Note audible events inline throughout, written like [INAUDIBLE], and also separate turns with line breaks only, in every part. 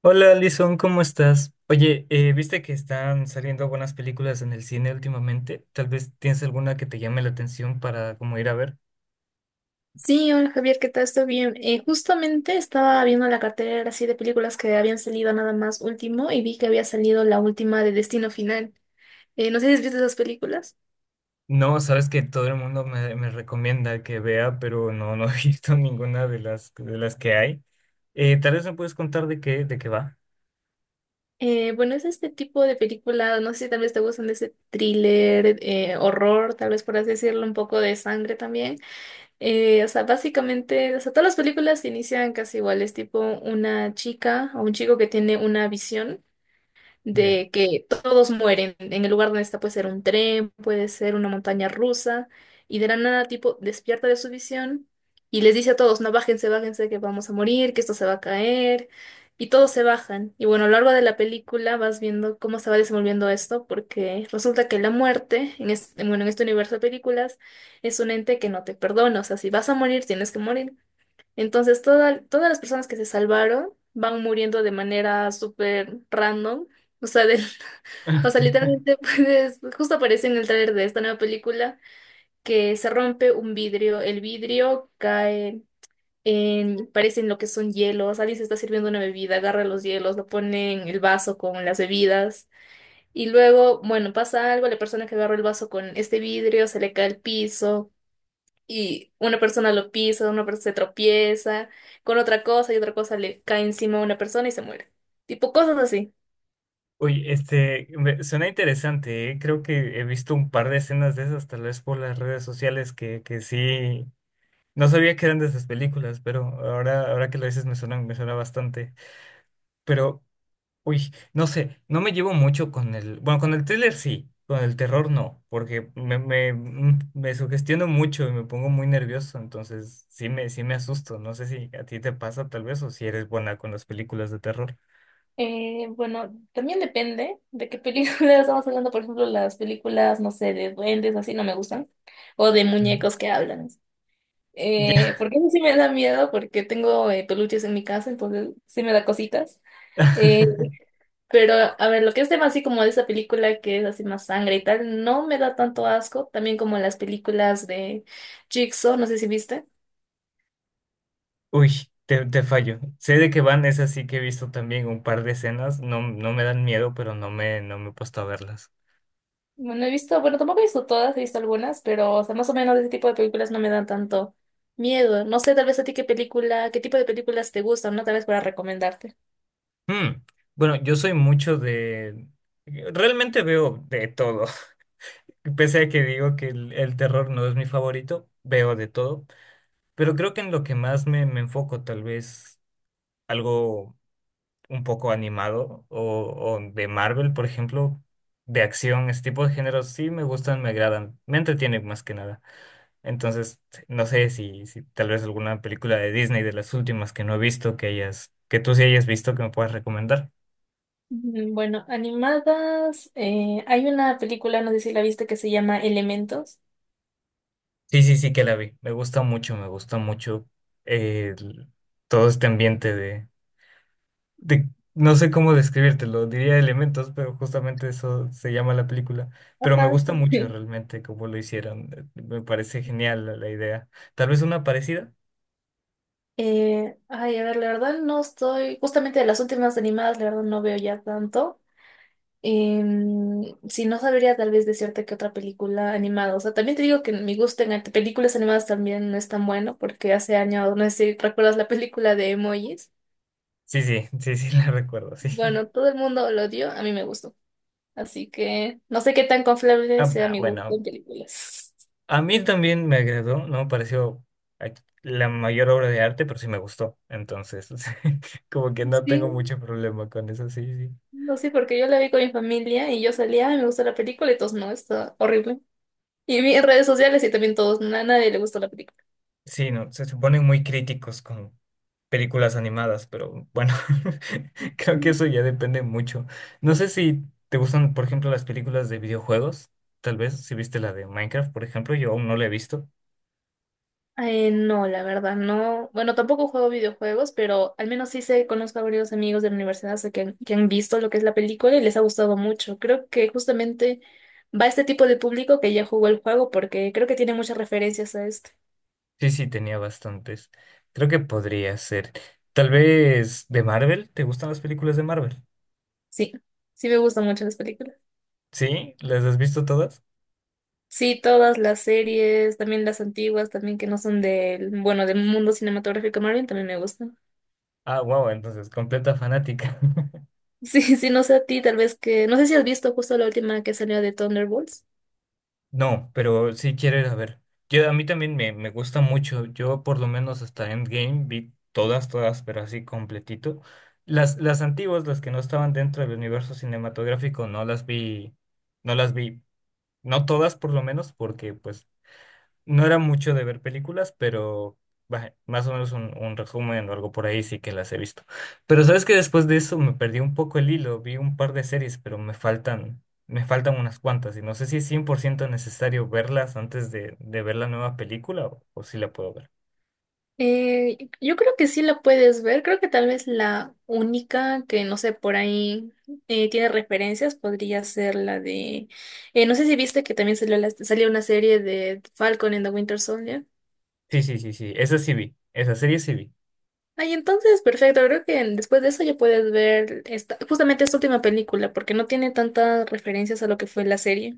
Hola, Alison, ¿cómo estás? Oye, ¿viste que están saliendo buenas películas en el cine últimamente? Tal vez tienes alguna que te llame la atención para como ir a ver.
Sí, hola Javier, ¿qué tal? Estoy bien. Justamente estaba viendo la cartera así de películas que habían salido nada más último y vi que había salido la última de Destino Final. No sé si has visto esas películas.
No, sabes que todo el mundo me recomienda que vea, pero no, no he [LAUGHS] visto ninguna de las que hay. Tal vez me puedes contar de qué va.
Bueno, es este tipo de película, no sé si tal vez te gustan de ese thriller, horror, tal vez por así decirlo, un poco de sangre también. O sea, básicamente, o sea, todas las películas inician casi iguales, tipo una chica o un chico que tiene una visión
Ya.
de que todos mueren. En el lugar donde está puede ser un tren, puede ser una montaña rusa, y de la nada tipo despierta de su visión y les dice a todos, no, bájense, bájense, que vamos a morir, que esto se va a caer, y todos se bajan. Y bueno, a lo largo de la película vas viendo cómo se va desenvolviendo esto, porque resulta que la muerte, en este, bueno, en este universo de películas, es un ente que no te perdona, o sea, si vas a morir, tienes que morir. Entonces, todas las personas que se salvaron van muriendo de manera súper random. O sea, de- [LAUGHS] o sea,
[LAUGHS]
literalmente, [LAUGHS] pues justo apareció en el tráiler de esta nueva película que se rompe un vidrio. El vidrio cae en, parecen lo que son hielos. Alguien se está sirviendo una bebida, agarra los hielos, lo pone en el vaso con las bebidas. Y luego, bueno, pasa algo, la persona que agarró el vaso con este vidrio se le cae al piso y una persona lo pisa, una persona se tropieza con otra cosa y otra cosa le cae encima a una persona y se muere. Tipo cosas así.
Oye, suena interesante, ¿eh? Creo que he visto un par de escenas de esas, tal vez por las redes sociales, que sí. No sabía que eran de esas películas, pero ahora que lo dices me suena bastante. Pero, uy, no sé, no me llevo mucho con el... Bueno, con el thriller sí, con el terror no, porque me sugestiono mucho y me pongo muy nervioso, entonces sí sí me asusto. No sé si a ti te pasa tal vez o si eres buena con las películas de terror.
Bueno, también depende de qué película [LAUGHS] estamos hablando. Por ejemplo, las películas, no sé, de duendes, así no me gustan. O de
Mm.
muñecos que hablan.
Ya.
Porque a mí sí me da miedo, porque tengo peluches en mi casa, entonces sí me da cositas. Eh,
[LAUGHS]
Pero, a ver, lo que es tema así como de esa película que es así más sangre y tal, no me da tanto asco. También como las películas de Jigsaw, no sé si viste.
Uy, te fallo. Sé de que van, es así que he visto también un par de escenas, no, no me dan miedo, pero no no me he puesto a verlas.
Bueno, he visto, bueno, tampoco he visto todas, he visto algunas, pero, o sea, más o menos ese tipo de películas no me dan tanto miedo. No sé, tal vez a ti qué película, qué tipo de películas te gustan, ¿no? Tal vez para recomendarte.
Mm, bueno, yo soy mucho de... Realmente veo de todo. [LAUGHS] Pese a que digo que el terror no es mi favorito, veo de todo. Pero creo que en lo que más me enfoco, tal vez algo un poco animado o de Marvel, por ejemplo, de acción, ese tipo de géneros sí me gustan, me agradan, me entretienen más que nada. Entonces, no sé si tal vez alguna película de Disney de las últimas que no he visto, que hayas, que tú sí hayas visto, que me puedas recomendar.
Mm, bueno, animadas, hay una película, no sé si la viste, que se llama Elementos.
Sí, sí, sí que la vi. Me gusta mucho, me gusta mucho, eh, el- todo este ambiente de, no sé cómo describírtelo, diría elementos, pero justamente eso se llama la película. Pero me
Ajá,
gusta mucho
sí. [LAUGHS]
realmente cómo lo hicieron. Me parece genial la idea. Tal vez una parecida.
Ay, a ver, la verdad no estoy, justamente de las últimas animadas, la verdad no veo ya tanto. Em, si no sabría tal vez decirte que otra película animada. O sea, también te digo que mi gusto en películas animadas también no es tan bueno, porque hace años, no sé si recuerdas la película de Emojis.
Sí, sí, sí, sí, [LAUGHS] la recuerdo, sí.
Bueno, todo el mundo lo odió, a mí me gustó. Así que no sé qué tan confiable
Ah,
sea
ah,
mi gusto
bueno,
en películas.
a mí también me agradó, no me pareció eh, la mayor obra de arte, pero sí me gustó. Entonces, [LAUGHS] como que
[LAUGHS]
no tengo
Sí,
mucho problema con eso, sí, sí.
no sé, porque yo la vi con mi familia y yo salía, "Ay, me gusta la película", y todos no, está horrible. Y vi en redes sociales y también todos, a nadie le gustó la película.
Sí, no, se suponen muy críticos con películas animadas, pero bueno, [LAUGHS] creo que eso ya depende mucho. No sé si te gustan, por ejemplo, las películas de videojuegos, tal vez, si viste la de Minecraft, por ejemplo, yo aún no la he visto.
No, la verdad, no. Bueno, tampoco juego videojuegos, pero al menos sí sé, conozco a varios amigos de la universidad, sé que han visto lo que es la película y les ha gustado mucho. Creo que justamente va este tipo de público que ya jugó el juego porque creo que tiene muchas referencias a este.
Sí, sí, tenía bastantes. Creo que podría ser. Tal vez de Marvel, ¿te gustan las películas de Marvel?
Sí, sí me gustan mucho las películas.
¿Sí? ¿Las has visto todas?
Sí, todas las series, también las antiguas, también que no son del, bueno, del mundo cinematográfico Marvel, también me gustan.
Ah, wow, entonces, completa fanática. [LAUGHS]
Sí, sí, no sé a ti, tal vez que, no sé si has visto justo la última que salió de Thunderbolts.
No, pero sí quiero ir a ver. Yo, a mí también me gusta mucho. Yo por lo menos hasta Endgame vi todas, todas, pero así completito. Las antiguas, las que no estaban dentro del universo cinematográfico, no las vi, no las vi, no todas por lo menos, porque pues no era mucho de ver películas, pero bah, más o menos un resumen o algo por ahí sí que las he visto. Pero sabes que después de eso me perdí un poco el hilo, vi un par de series, pero me faltan unas cuantas y no sé si es 100% necesario verlas antes de ver la nueva película o si la puedo ver.
Yo creo que sí la puedes ver, creo que tal vez la única que, no sé, por ahí tiene referencias podría ser la de, no sé si viste que también salió, salió una serie de Falcon and the Winter Soldier.
Sí, sí, sí, sí, esa sí vi, esa serie sí vi.
Ay, entonces, perfecto, creo que después de eso ya puedes ver esta, justamente esta última película, porque no tiene tantas referencias a lo que fue la serie.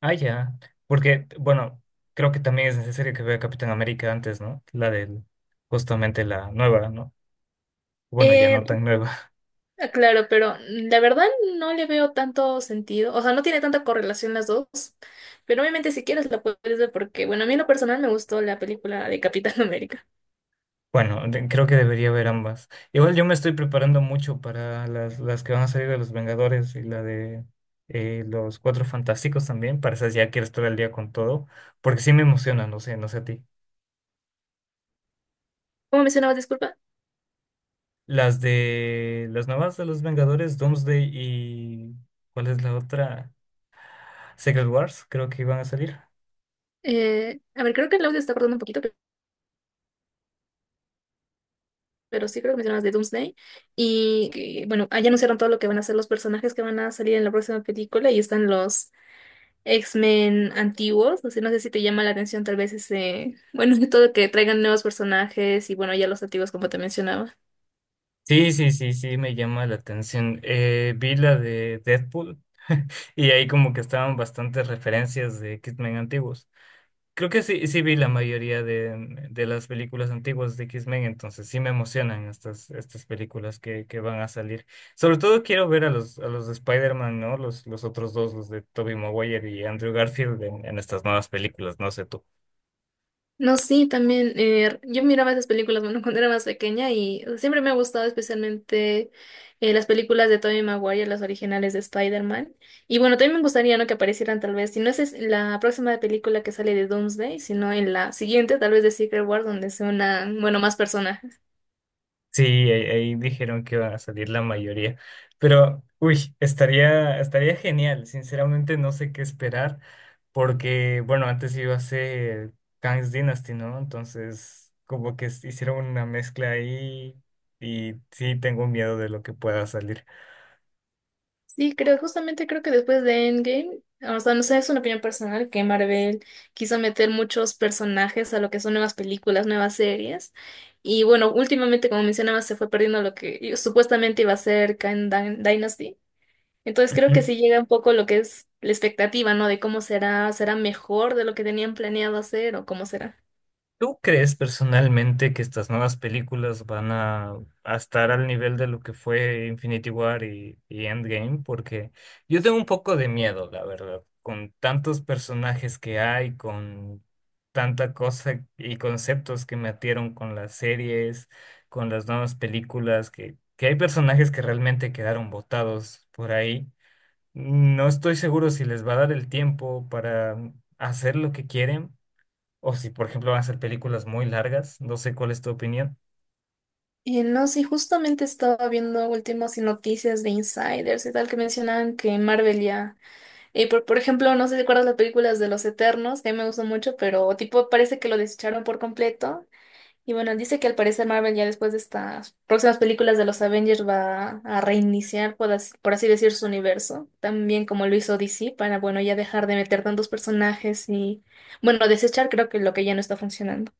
Ah, ya, porque, bueno, creo que también es necesario que vea Capitán América antes, ¿no? Justamente la nueva, ¿no? Bueno, ya
Eh,
no tan nueva.
Claro, pero la verdad no le veo tanto sentido, o sea, no tiene tanta correlación las dos, pero obviamente si quieres la puedes ver porque, bueno, a mí en lo personal me gustó la película de Capitán [LAUGHS] América.
Bueno, creo que debería haber ambas. Igual yo me estoy preparando mucho para las que van a salir de los Vengadores y la de los Cuatro Fantásticos también. Para esas ya quiero estar al día con todo, porque sí me emocionan, no sé, no sé a ti.
¿Cómo mencionabas, disculpa?
Las de las nuevas de los Vengadores, Doomsday y ¿cuál es la otra? Secret Wars, creo que iban a salir.
A ver, creo que el audio se está cortando un poquito, pero sí creo que mencionabas de Doomsday y, que, bueno, allá anunciaron todo lo que van a ser los personajes que van a salir en la próxima película y están los X-Men antiguos, así no sé si te llama la atención tal vez ese, bueno, [LAUGHS] todo que traigan nuevos personajes y, bueno, ya los antiguos como te mencionaba.
Sí, sí, sí, sí, me llama la atención. Vi la de Deadpool [LAUGHS] y ahí como que estaban bastantes referencias de Kidman antiguos. Creo que sí, sí vi la mayoría de las películas antiguas de X-Men, entonces sí me emocionan estas, estas películas que van a salir. Sobre todo quiero ver a los de Spider-Man, ¿no? Los otros dos, los de Tobey Maguire y Andrew Garfield en estas nuevas películas, no sé tú.
No, sí, también. Yo miraba esas películas, bueno, [LAUGHS] cuando era más pequeña y siempre me ha gustado especialmente las películas de Tobey Maguire, las originales de Spider-Man. Y bueno, también me gustaría, ¿no? Que aparecieran tal vez, si no es es la próxima película que sale de Doomsday, sino en la siguiente, tal vez de Secret War, donde sea una, bueno, más personajes.
Sí, ahí, ahí dijeron que van a salir la mayoría, pero uy, estaría, estaría genial. Sinceramente no sé qué esperar. Porque, bueno, antes iba a ser Kang's Dynasty, ¿no? Entonces, como que hicieron una mezcla ahí y sí tengo miedo de lo que pueda salir.
Sí, creo, justamente creo que después de Endgame, o sea, no sé, es una opinión personal que Marvel quiso meter muchos personajes a lo que son nuevas películas, nuevas series. Y bueno, últimamente, como mencionabas se fue perdiendo lo que supuestamente iba a ser Kang Dynasty. Entonces creo que sí llega un poco lo que es la expectativa, ¿no? De cómo será, será mejor de lo que tenían planeado hacer o cómo será.
¿Tú crees personalmente que estas nuevas películas van a estar al nivel de lo que fue Infinity War y Endgame? Porque yo tengo un poco de miedo, la verdad, con tantos personajes que hay, con tanta cosa y conceptos que metieron con las series, con las nuevas películas, que hay personajes que realmente quedaron botados por ahí. No estoy seguro si les va a dar el tiempo para hacer lo que quieren o si, por ejemplo, van a ser películas muy largas, no sé cuál es tu opinión.
Y no, sí, justamente estaba viendo últimas noticias de insiders y tal que mencionaban que Marvel ya. Y por ejemplo, no sé si recuerdas las películas de Los Eternos, que a mí me gustó mucho, pero tipo parece que lo desecharon por completo. Y bueno, dice que al parecer Marvel ya después de estas próximas películas de los Avengers va a reiniciar, por así decir, su universo, también como lo hizo DC, para bueno, ya dejar de meter tantos personajes y bueno, desechar creo que lo que ya no está funcionando.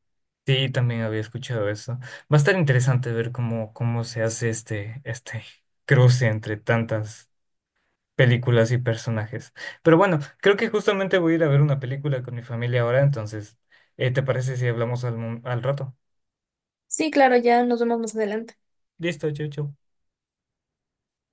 Sí, también había escuchado eso. Va a estar interesante ver cómo, cómo se hace este cruce entre tantas películas y personajes. Pero bueno, creo que justamente voy a ir a ver una película con mi familia ahora, entonces, ¿te parece si hablamos al rato?
Sí, claro, ya nos vemos más adelante.
Listo, chau, chau.